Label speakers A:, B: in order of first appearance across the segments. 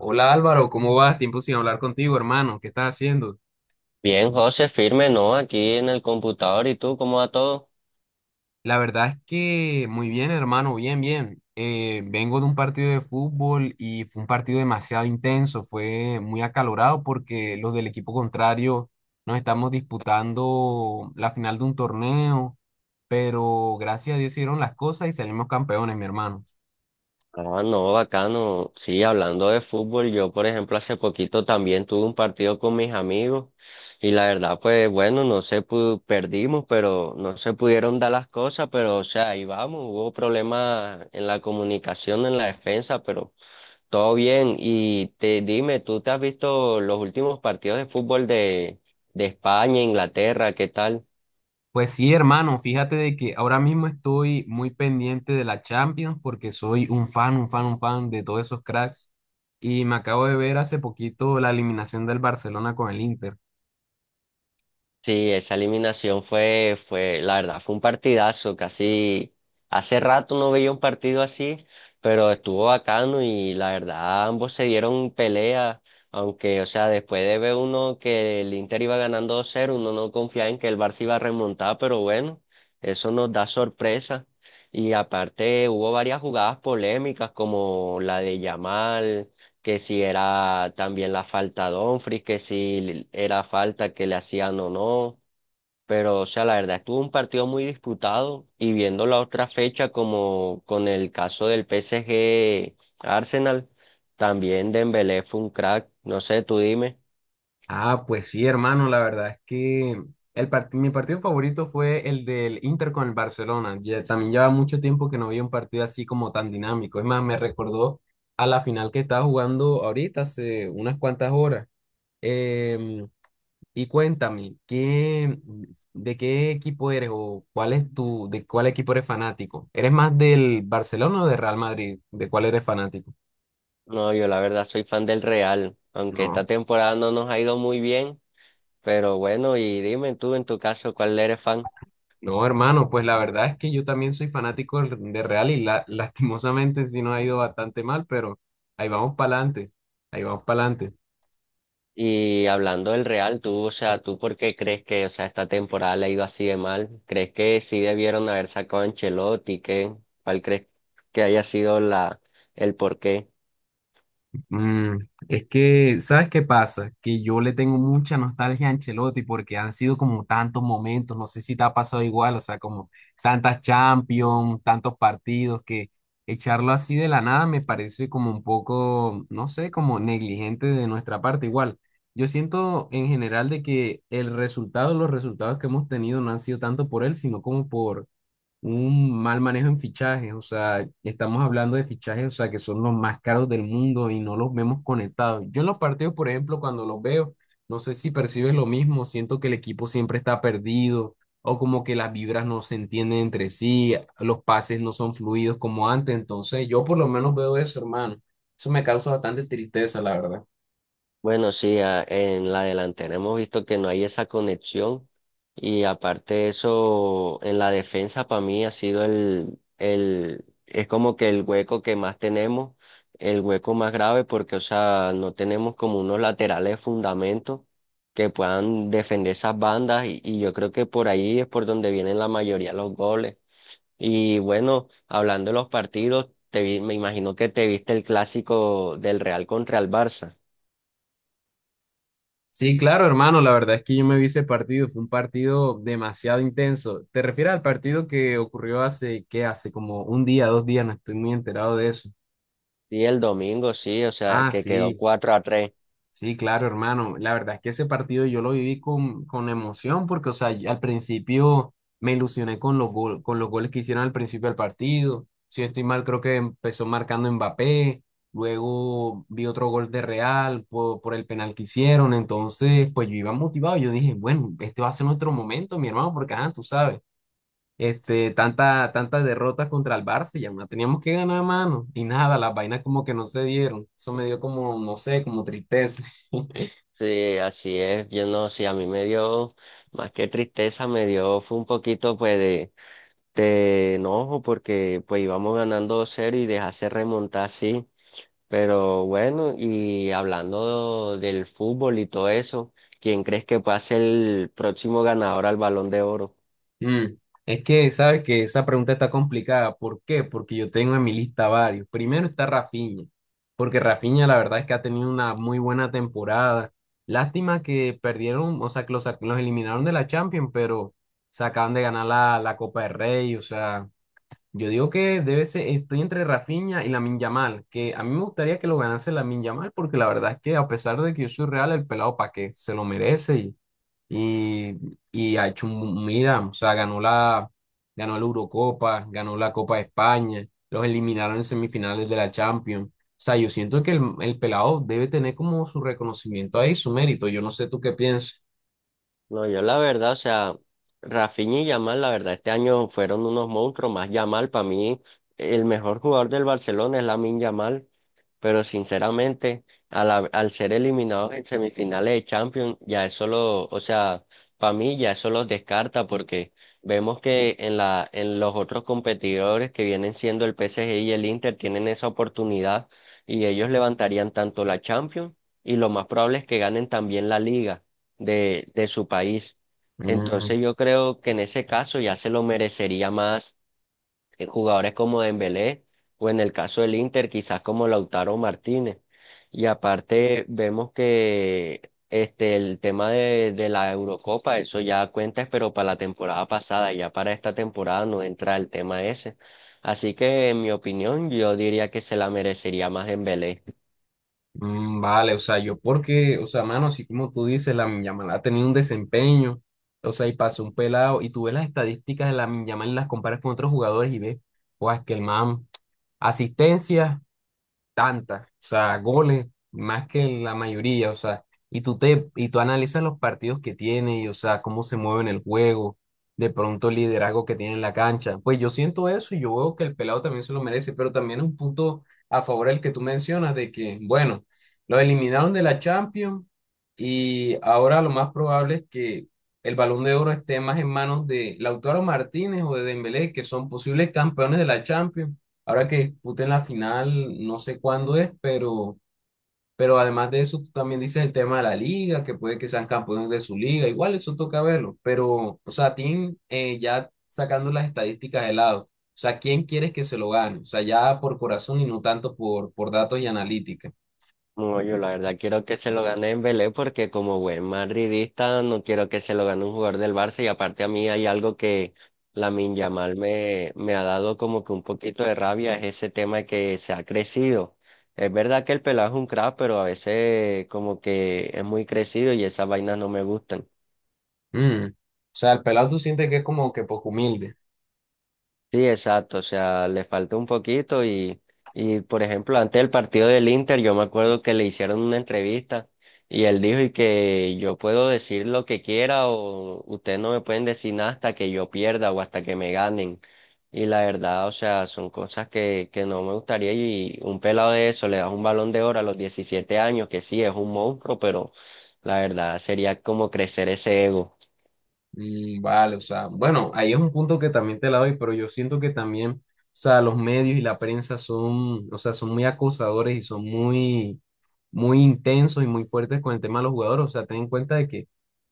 A: Hola Álvaro, ¿cómo vas? Tiempo sin hablar contigo, hermano. ¿Qué estás haciendo?
B: Bien, José, firme, ¿no? Aquí en el computador, ¿y tú cómo va todo?
A: La verdad es que muy bien, hermano, bien, bien. Vengo de un partido de fútbol y fue un partido demasiado intenso, fue muy acalorado porque los del equipo contrario nos estamos disputando la final de un torneo, pero gracias a Dios hicieron las cosas y salimos campeones, mi hermano.
B: Ah, no, bacano. Sí, hablando de fútbol, yo, por ejemplo, hace poquito también tuve un partido con mis amigos y la verdad, pues bueno, no se pu- perdimos, pero no se pudieron dar las cosas, pero o sea, ahí vamos, hubo problemas en la comunicación, en la defensa, pero todo bien. Y te dime, ¿tú te has visto los últimos partidos de fútbol de, España, Inglaterra, qué tal?
A: Pues sí, hermano, fíjate de que ahora mismo estoy muy pendiente de la Champions porque soy un fan de todos esos cracks. Y me acabo de ver hace poquito la eliminación del Barcelona con el Inter.
B: Sí, esa eliminación fue, la verdad, fue un partidazo, casi hace rato no veía un partido así, pero estuvo bacano y la verdad ambos se dieron pelea, aunque, o sea, después de ver uno que el Inter iba ganando 2 cero uno no confiaba en que el Barça iba a remontar, pero bueno, eso nos da sorpresa. Y aparte hubo varias jugadas polémicas como la de Yamal que si era también la falta de Dumfries, que si era falta que le hacían o no. Pero, o sea, la verdad, estuvo un partido muy disputado y viendo la otra fecha como con el caso del PSG Arsenal, también Dembélé fue un crack, no sé, tú dime.
A: Ah, pues sí, hermano, la verdad es que mi partido favorito fue el del Inter con el Barcelona. Ya, también lleva mucho tiempo que no había un partido así como tan dinámico. Es más, me recordó a la final que estaba jugando ahorita hace unas cuantas horas. Em, Y cuéntame, ¿de qué equipo eres o cuál es tu, de cuál equipo eres fanático? ¿Eres más del Barcelona o del Real Madrid? ¿De cuál eres fanático?
B: No, yo la verdad soy fan del Real, aunque
A: No.
B: esta temporada no nos ha ido muy bien, pero bueno, y dime tú en tu caso, ¿cuál eres fan?
A: No, hermano, pues la verdad es que yo también soy fanático de Real y la- lastimosamente sí nos ha ido bastante mal, pero ahí vamos para adelante, ahí vamos para adelante.
B: Y hablando del Real, tú, o sea, ¿tú por qué crees que, o sea, esta temporada le ha ido así de mal? ¿Crees que sí debieron haber sacado a Ancelotti? ¿Qué? ¿Cuál crees que haya sido la, el porqué?
A: Mm, es que, ¿sabes qué pasa? Que yo le tengo mucha nostalgia a Ancelotti porque han sido como tantos momentos, no sé si te ha pasado igual, o sea, como tantas Champions, tantos partidos, que echarlo así de la nada me parece como un poco, no sé, como negligente de nuestra parte. Igual, yo siento en general de que los resultados que hemos tenido no han sido tanto por él, sino como por un mal manejo en fichajes, o sea, estamos hablando de fichajes, o sea, que son los más caros del mundo y no los vemos conectados. Yo en los partidos, por ejemplo, cuando los veo, no sé si percibes lo mismo, siento que el equipo siempre está perdido o como que las vibras no se entienden entre sí, los pases no son fluidos como antes, entonces yo por lo menos veo eso, hermano. Eso me causa bastante tristeza, la verdad.
B: Bueno, sí, en la delantera hemos visto que no hay esa conexión y aparte de eso, en la defensa para mí ha sido es como que el hueco que más tenemos, el hueco más grave porque, o sea, no tenemos como unos laterales de fundamento que puedan defender esas bandas y, yo creo que por ahí es por donde vienen la mayoría de los goles. Y bueno, hablando de los partidos, me imagino que te viste el clásico del Real contra el Barça.
A: Sí, claro, hermano, la verdad es que yo me vi ese partido, fue un partido demasiado intenso. ¿Te refieres al partido que ocurrió hace, qué, hace como un día, dos días? No estoy muy enterado de eso.
B: Sí, el domingo, sí, o sea,
A: Ah,
B: que quedó
A: sí.
B: 4-3.
A: Sí, claro, hermano. La verdad es que ese partido yo lo viví con emoción porque, o sea, yo al principio me ilusioné con con los goles que hicieron al principio del partido. Si yo estoy mal, creo que empezó marcando Mbappé, luego vi otro gol de Real por el penal que hicieron. Entonces, pues yo iba motivado. Yo dije, bueno, este va a ser nuestro momento, mi hermano, porque, ajá, tú sabes, este, tantas derrotas contra el Barça, ya no teníamos que ganar, mano. Y nada, las vainas como que no se dieron. Eso me dio como, no sé, como tristeza.
B: Sí, así es. Yo no, sí, a mí me dio, más que tristeza, fue un poquito, pues, de, enojo, porque, pues, íbamos ganando 2-0 y dejarse remontar, sí. Pero bueno, y hablando del fútbol y todo eso, ¿quién crees que pueda ser el próximo ganador al Balón de Oro?
A: Mm, Es que sabes que esa pregunta está complicada. ¿Por qué? Porque yo tengo en mi lista varios. Primero está Rafinha, porque Rafinha la verdad es que ha tenido una muy buena temporada. Lástima que perdieron, o sea, que los eliminaron de la Champions, pero se acaban de ganar la Copa del Rey. O sea, yo digo que debe ser, estoy entre Rafinha y Lamine Yamal, que a mí me gustaría que lo ganase Lamine Yamal, porque la verdad es que a pesar de que yo soy real, el pelado pa' qué, se lo merece y, y ha hecho, un- mira, o sea, ganó la Eurocopa, ganó la Copa de España, los eliminaron en semifinales de la Champions. O sea, yo siento que el pelado debe tener como su reconocimiento ahí, su mérito. Yo no sé tú qué piensas.
B: No, yo la verdad, o sea, Rafinha y Yamal, la verdad, este año fueron unos monstruos, más Yamal; para mí el mejor jugador del Barcelona es Lamine Yamal, pero sinceramente, al ser eliminados en semifinales de Champions, ya eso lo, o sea, para mí ya eso los descarta, porque vemos que en la, en los otros competidores que vienen siendo el PSG y el Inter tienen esa oportunidad, y ellos levantarían tanto la Champions y lo más probable es que ganen también la Liga de, su país.
A: Mm,
B: Entonces yo creo que en ese caso ya se lo merecería más jugadores como Dembélé, o en el caso del Inter quizás como Lautaro Martínez. Y aparte vemos que el tema de, la Eurocopa, eso ya cuenta, pero para la temporada pasada; ya para esta temporada no entra el tema ese. Así que en mi opinión yo diría que se la merecería más Dembélé.
A: vale, o sea, yo porque, o sea, mano, así como tú dices, la Yamal ha tenido un desempeño, o sea, y pasó un pelado, y tú ves las estadísticas de la Yamal y las comparas con otros jugadores y ves, pues, que el man, asistencias tantas, o sea, goles más que la mayoría, o sea, y tú analizas los partidos que tiene y o sea, cómo se mueve en el juego, de pronto el liderazgo que tiene en la cancha. Pues yo siento eso y yo veo que el pelado también se lo merece, pero también es un punto a favor el que tú mencionas de que, bueno, lo eliminaron de la Champions y ahora lo más probable es que el Balón de Oro esté más en manos de Lautaro Martínez o de Dembélé, que son posibles campeones de la Champions. Ahora que disputen la final, no sé cuándo es, pero además de eso, tú también dices el tema de la liga, que puede que sean campeones de su liga, igual eso toca verlo, pero, o sea, Tim, ya sacando las estadísticas de lado, o sea, ¿quién quieres que se lo gane? O sea, ya por corazón y no tanto por datos y analítica.
B: No, yo la verdad quiero que se lo gane Dembélé porque como buen madridista no quiero que se lo gane un jugador del Barça, y aparte a mí hay algo que Lamine Yamal me ha dado como que un poquito de rabia, es ese tema de que se ha crecido. Es verdad que el pelado es un crack, pero a veces como que es muy crecido y esas vainas no me gustan.
A: O sea, el pelado tú sientes que es como que poco humilde.
B: Sí, exacto, o sea, le falta un poquito y, por ejemplo, antes del partido del Inter, yo me acuerdo que le hicieron una entrevista y él dijo y que yo puedo decir lo que quiera o ustedes no me pueden decir nada hasta que yo pierda o hasta que me ganen. Y la verdad, o sea, son cosas que no me gustaría, y un pelado de eso le das un balón de oro a los 17 años, que sí, es un monstruo, pero la verdad sería como crecer ese ego.
A: Vale, o sea, bueno, ahí es un punto que también te la doy, pero yo siento que también, o sea, los medios y la prensa son, o sea, son muy acosadores y son muy, muy intensos y muy fuertes con el tema de los jugadores. O sea, ten en cuenta de que,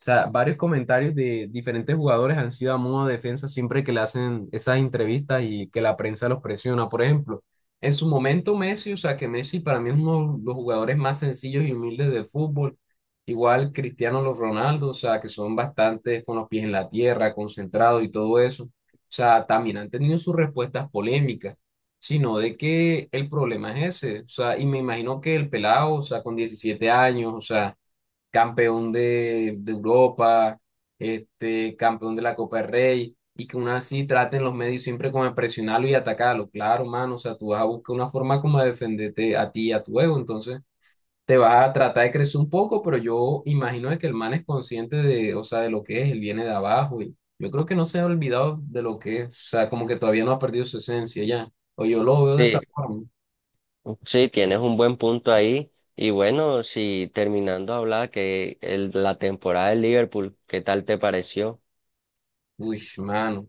A: o sea, varios comentarios de diferentes jugadores han sido a modo de defensa siempre que le hacen esas entrevistas y que la prensa los presiona. Por ejemplo, en su momento Messi, o sea, que Messi para mí es uno de los jugadores más sencillos y humildes del fútbol. Igual Cristiano los Ronaldo, o sea, que son bastantes con los pies en la tierra, concentrados y todo eso. O sea, también han tenido sus respuestas polémicas, sino de que el problema es ese. O sea, y me imagino que el pelado, o sea, con 17 años, o sea, campeón de Europa, este, campeón de la Copa del Rey, y que aún así traten los medios siempre como de presionarlo y atacarlo. Claro, mano, o sea, tú vas a buscar una forma como de defenderte a ti y a tu ego, entonces te vas a tratar de crecer un poco, pero yo imagino de que el man es consciente de, o sea, de lo que es, él viene de abajo y yo creo que no se ha olvidado de lo que es, o sea, como que todavía no ha perdido su esencia ya, o yo lo veo de esa
B: Sí,
A: forma.
B: sí, tienes un buen punto ahí. Y bueno, si terminando de hablar que el, la temporada del Liverpool, ¿qué tal te pareció?
A: Uy, mano,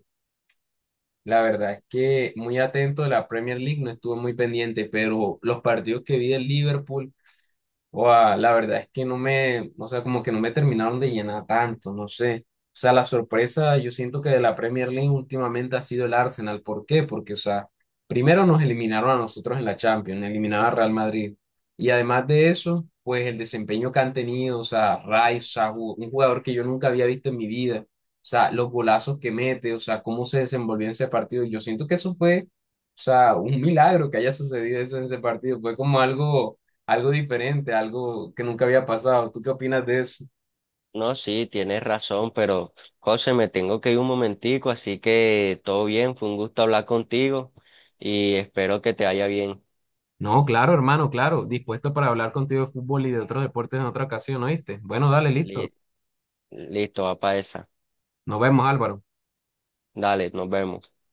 A: la verdad es que muy atento de la Premier League, no estuve muy pendiente, pero los partidos que vi del Liverpool. Guau, la verdad es que no me, o sea, como que no me terminaron de llenar tanto, no sé. O sea, la sorpresa, yo siento que de la Premier League últimamente ha sido el Arsenal. ¿Por qué? Porque, o sea, primero nos eliminaron a nosotros en la Champions, eliminaron a Real Madrid. Y además de eso, pues el desempeño que han tenido, o sea, Rice, o sea, un jugador que yo nunca había visto en mi vida. O sea, los golazos que mete, o sea, cómo se desenvolvió en ese partido. Yo siento que eso fue, o sea, un milagro que haya sucedido eso en ese partido. Fue como algo, algo diferente, algo que nunca había pasado. ¿Tú qué opinas de eso?
B: No, sí, tienes razón, pero José, me tengo que ir un momentico, así que todo bien, fue un gusto hablar contigo y espero que te vaya bien.
A: No, claro, hermano, claro. Dispuesto para hablar contigo de fútbol y de otros deportes en otra ocasión, ¿oíste? Bueno, dale, listo.
B: Li- Listo, va para esa.
A: Nos vemos, Álvaro.
B: Dale, nos vemos.